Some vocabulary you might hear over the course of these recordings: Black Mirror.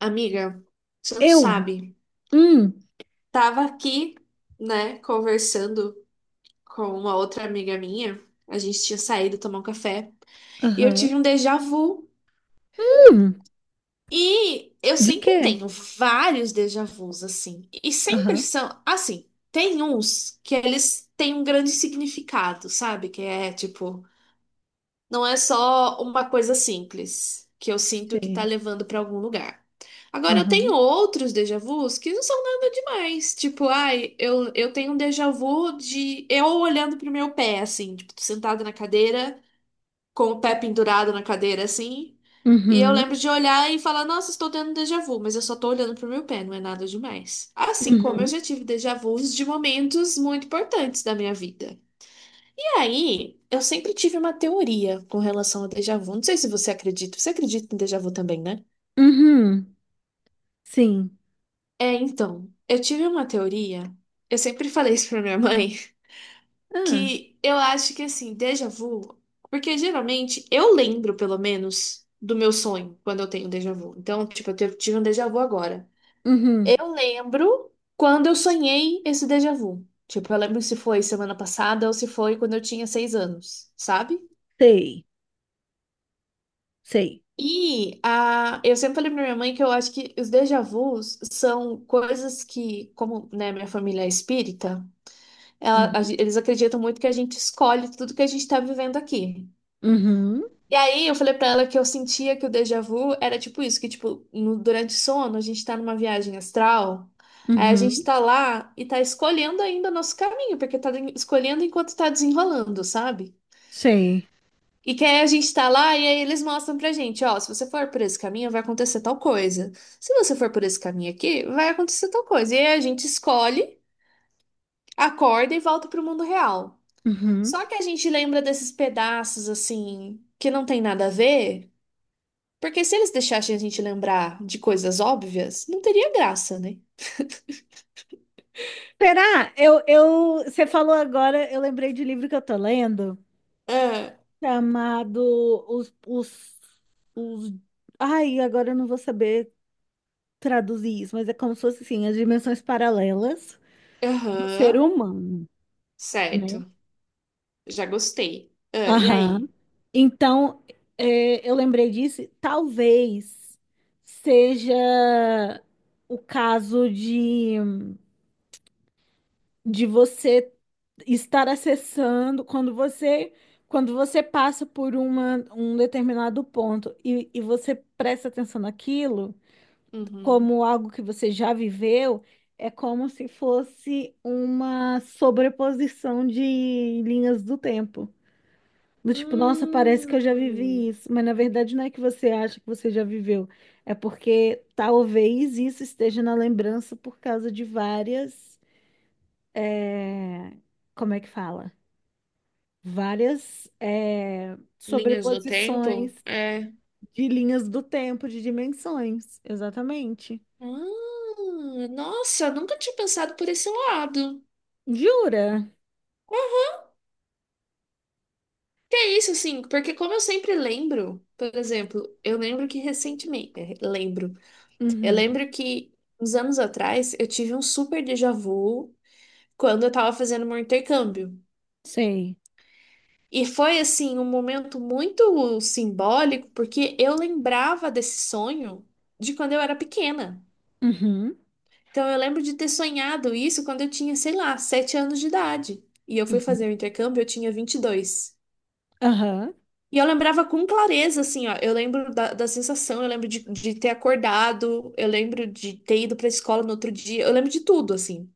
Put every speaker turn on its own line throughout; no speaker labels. Amiga, você não
Eu?
sabe.
Hum,
Tava aqui, né, conversando com uma outra amiga minha. A gente tinha saído tomar um café. E eu tive
aham.
um déjà vu.
Hum,
E eu
de
sempre
quê?
tenho vários déjà vus, assim. E sempre
Aham,
são, assim, tem uns que eles têm um grande significado, sabe? Que é tipo. Não é só uma coisa simples que eu sinto que tá
sei.
levando pra algum lugar. Agora, eu tenho
Aham.
outros déjà vus que não são nada demais. Tipo, ai, eu tenho um déjà vu de eu olhando pro meu pé, assim, tipo, tô sentada na cadeira, com o pé pendurado na cadeira, assim. E eu
Uhum,
lembro de olhar e falar, nossa, estou tendo déjà vu, mas eu só tô olhando pro meu pé, não é nada demais. Assim como eu
uhum,
já tive déjà vus de momentos muito importantes da minha vida. E aí, eu sempre tive uma teoria com relação ao déjà vu. Não sei se você acredita. Você acredita em déjà vu também, né?
uhum, sim.
É, então, eu tive uma teoria. Eu sempre falei isso pra minha mãe,
Ah,
que eu acho que assim, déjà vu, porque geralmente eu lembro, pelo menos, do meu sonho quando eu tenho déjà vu. Então, tipo, eu tive um déjà vu agora.
uhum,
Eu lembro quando eu sonhei esse déjà vu. Tipo, eu lembro se foi semana passada ou se foi quando eu tinha 6 anos, sabe?
sei, sei.
E eu sempre falei pra minha mãe que eu acho que os déjà vus são coisas que, como, né, minha família é espírita, ela- a
Uhum,
gen- eles acreditam muito que a gente escolhe tudo que a gente tá vivendo aqui.
uhum,
E aí eu falei pra ela que eu sentia que o déjà vu era tipo isso, que tipo, durante o sono a gente tá numa viagem astral, aí a gente
uhum,
tá lá e tá escolhendo ainda o nosso caminho, porque tá escolhendo enquanto tá desenrolando, sabe?
sei.
E que aí a gente tá lá e aí eles mostram pra gente, ó, se você for por esse caminho, vai acontecer tal coisa. Se você for por esse caminho aqui, vai acontecer tal coisa. E aí a gente escolhe, acorda e volta pro mundo real.
Uhum.
Só que a gente lembra desses pedaços assim que não tem nada a ver, porque se eles deixassem a gente lembrar de coisas óbvias, não teria graça, né?
Será? Você falou agora, eu lembrei de um livro que eu tô lendo,
Ah,
chamado Os, os, os... Ai, agora eu não vou saber traduzir isso, mas é como se fosse, assim, as dimensões paralelas do ser
aham,
humano, né?
certo. Já gostei. Ah, e
Aham.
aí?
Então, é, eu lembrei disso, talvez seja o caso de você estar acessando quando você passa por uma, um determinado ponto e você presta atenção naquilo
Uhum.
como algo que você já viveu, é como se fosse uma sobreposição de linhas do tempo. Do tipo, nossa, parece que eu já
Hum,
vivi isso, mas na verdade não é que você acha que você já viveu, é porque talvez isso esteja na lembrança por causa de várias, é, como é que fala? Várias, é,
linhas do
sobreposições
tempo? É.
de linhas do tempo, de dimensões, exatamente.
Ah, nossa, nunca tinha pensado por esse lado.
Jura?
Que é isso, assim, porque como eu sempre lembro, por exemplo, eu lembro que recentemente, eu
Uhum.
lembro que uns anos atrás eu tive um super déjà vu quando eu tava fazendo meu intercâmbio.
Sei.
E foi, assim, um momento muito simbólico, porque eu lembrava desse sonho de quando eu era pequena.
Uhum.
Então eu lembro de ter sonhado isso quando eu tinha, sei lá, 7 anos de idade. E eu fui
Uhum.
fazer o intercâmbio, eu tinha 22.
Aham.
E eu lembrava com clareza, assim, ó. Eu lembro da sensação, eu lembro de ter acordado, eu lembro de ter ido pra escola no outro dia, eu lembro de tudo, assim.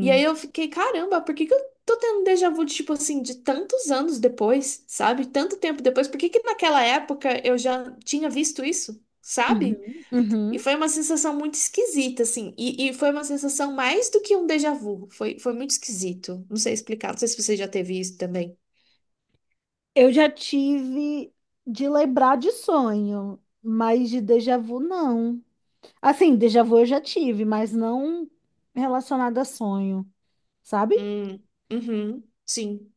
E aí eu fiquei, caramba, por que que eu tô tendo um déjà vu, de, tipo assim, de tantos anos depois, sabe? Tanto tempo depois, por que que naquela época eu já tinha visto isso, sabe?
Uhum.
E
Uhum.
foi uma sensação muito esquisita, assim. E foi uma sensação mais do que um déjà vu. Foi, foi muito esquisito. Não sei explicar, não sei se você já teve isso também.
Eu já tive de lembrar de sonho, mas de déjà vu não. Assim, déjà vu eu já tive, mas não relacionado a sonho, sabe?
Hum, uhum, sim.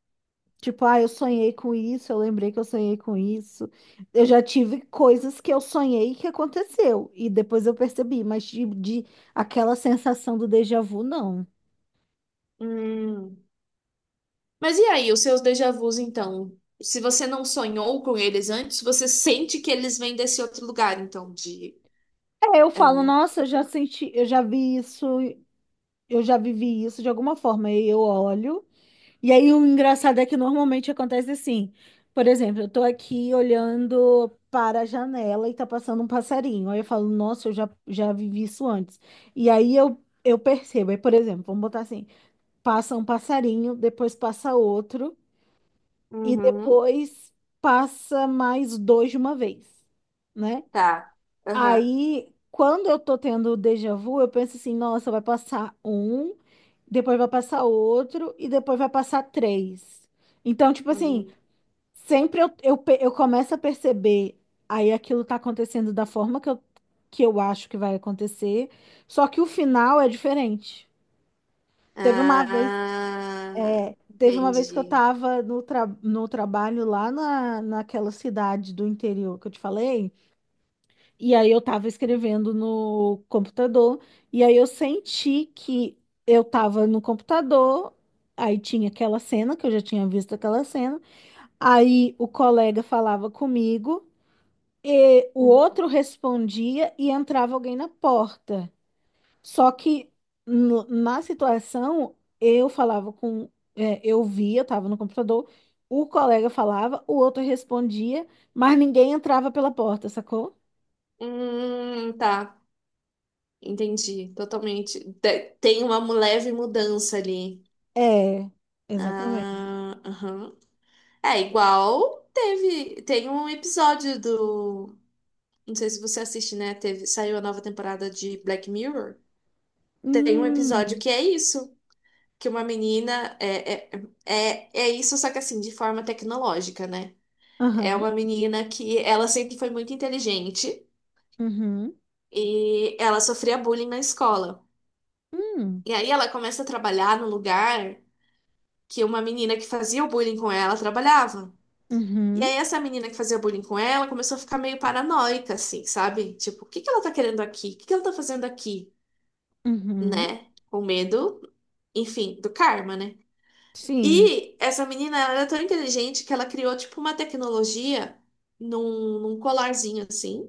Tipo, ah, eu sonhei com isso, eu lembrei que eu sonhei com isso. Eu já tive coisas que eu sonhei que aconteceu e depois eu percebi, mas de aquela sensação do déjà vu não.
Hum. Mas e aí, os seus déjà vus, então? Se você não sonhou com eles antes, você sente que eles vêm desse outro lugar, então, de...
É, eu
É.
falo, nossa, eu já senti, eu já vi isso, eu já vivi isso de alguma forma. E eu olho. E aí o engraçado é que normalmente acontece assim. Por exemplo, eu tô aqui olhando para a janela e tá passando um passarinho. Aí eu falo, nossa, eu já vivi isso antes. E aí eu percebo. Aí, por exemplo, vamos botar assim: passa um passarinho, depois passa outro, e
Uhum.
depois passa mais dois de uma vez, né?
Tá. Aham.
Aí, quando eu tô tendo o déjà vu, eu penso assim, nossa, vai passar um, depois vai passar outro e depois vai passar três. Então, tipo assim,
Uhum.
sempre eu começo a perceber, aí aquilo tá acontecendo da forma que eu acho que vai acontecer, só que o final é diferente. Teve uma vez,
Ah,
teve uma vez que eu
entendi.
tava no trabalho lá na, naquela cidade do interior que eu te falei. E aí eu tava escrevendo no computador, e aí eu senti que eu tava no computador, aí tinha aquela cena, que eu já tinha visto aquela cena, aí o colega falava comigo, e o
Uhum.
outro respondia e entrava alguém na porta. Só que na situação, eu falava com, é, eu via, eu tava no computador, o colega falava, o outro respondia, mas ninguém entrava pela porta, sacou?
Tá. Entendi, totalmente. Tem uma leve mudança ali.
É, exatamente.
Ah, aham. É igual teve, tem um episódio do Não sei se você assiste, né? Teve, saiu a nova temporada de Black Mirror. Tem um episódio
Hum.
que é isso, que uma menina é isso, só que assim, de forma tecnológica, né? É
Aham.
uma menina que ela sempre foi muito inteligente
Uhum.
e ela sofria bullying na escola.
Hum.
E aí ela começa a trabalhar no lugar que uma menina que fazia o bullying com ela trabalhava. E
Uhum.
aí essa menina que fazia bullying com ela começou a ficar meio paranoica, assim, sabe? Tipo, o que que ela tá querendo aqui? O que que ela tá fazendo aqui?
Uhum.
Né? Com medo, enfim, do karma, né?
Sim.
E essa menina, ela era tão inteligente que ela criou, tipo, uma tecnologia num colarzinho assim,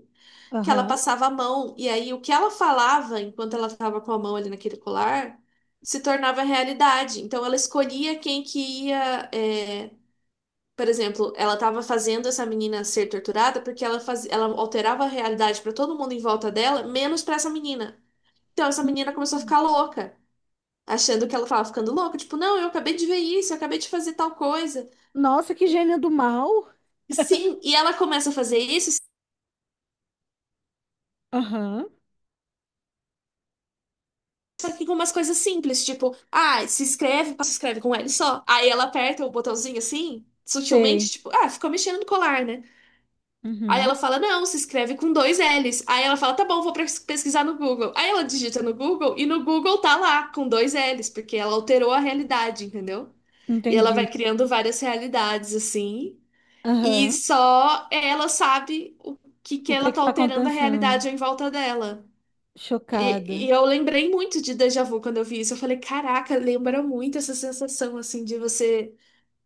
que ela
Aham.
passava a mão, e aí o que ela falava enquanto ela estava com a mão ali naquele colar se tornava realidade. Então ela escolhia quem que ia. Por exemplo, ela estava fazendo essa menina ser torturada porque ela alterava a realidade para todo mundo em volta dela, menos para essa menina. Então essa
Hum.
menina começou a ficar louca achando que ela tava ficando louca, tipo, não, eu acabei de ver isso, eu acabei de fazer tal coisa.
Nossa, que gênio do mal.
E sim, e ela começa a fazer isso,
Aham.
só que com umas coisas simples, tipo, ah, se inscreve, se inscreve com L só. Aí ela aperta o botãozinho assim,
Sei.
sutilmente, tipo, ah, ficou mexendo no colar, né? Aí ela
Uhum.
fala, não, se escreve com dois L's. Aí ela fala, tá bom, vou pesquisar no Google. Aí ela digita no Google e no Google tá lá, com dois L's, porque ela alterou a realidade, entendeu? E ela
Entendi.
vai criando várias realidades, assim. E
Aham.
só ela sabe o que que
O que
ela
é que
tá
tá
alterando a
acontecendo?
realidade em volta dela. E,
Chocada.
e eu lembrei muito de déjà vu quando eu vi isso. Eu falei, caraca, lembra muito essa sensação, assim, de você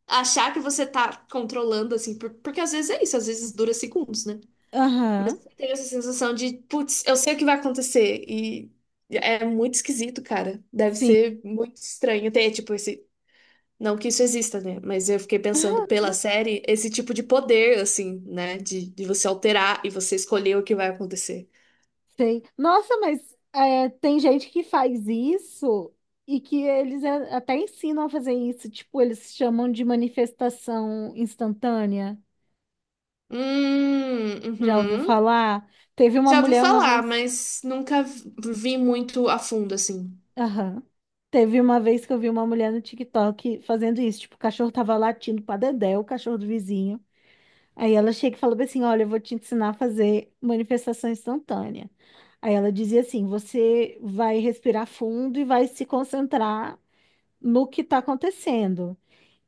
achar que você tá controlando, assim, porque às vezes é isso, às vezes dura segundos, né?
Aham.
Tem essa sensação de, putz, eu sei o que vai acontecer. E é muito esquisito, cara. Deve
Sim.
ser muito estranho ter, tipo, esse não que isso exista, né? Mas eu fiquei pensando pela série, esse tipo de poder, assim, né? De você alterar e você escolher o que vai acontecer.
Sei. Nossa, mas é, tem gente que faz isso e que eles, é, até ensinam a fazer isso. Tipo, eles chamam de manifestação instantânea.
Hum,
Já ouviu
uhum.
falar? Teve uma
Já ouvi
mulher uma
falar,
vez.
mas nunca vi muito a fundo, assim.
Aham. Teve uma vez que eu vi uma mulher no TikTok fazendo isso. Tipo, o cachorro tava latindo pra Dedé, o cachorro do vizinho. Aí ela chega e fala bem assim: olha, eu vou te ensinar a fazer manifestação instantânea. Aí ela dizia assim: você vai respirar fundo e vai se concentrar no que tá acontecendo.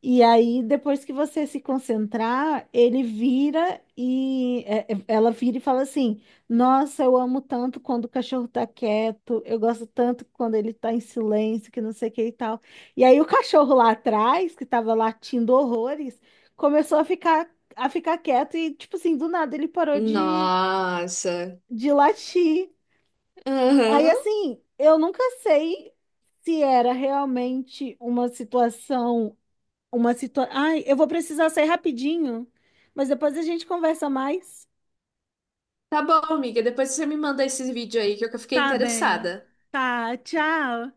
E aí, depois que você se concentrar, ele vira e ela vira e fala assim: nossa, eu amo tanto quando o cachorro tá quieto, eu gosto tanto quando ele tá em silêncio, que não sei o que e tal. E aí, o cachorro lá atrás, que tava latindo horrores, começou a ficar, a ficar quieto e, tipo assim, do nada ele parou
Nossa.
de latir. Aí,
Aham.
assim, eu nunca sei se era realmente uma situação. Ai, eu vou precisar sair rapidinho, mas depois a gente conversa mais.
Tá bom, amiga. Depois você me manda esse vídeo aí que eu fiquei
Tá bem.
interessada.
Tá, tchau.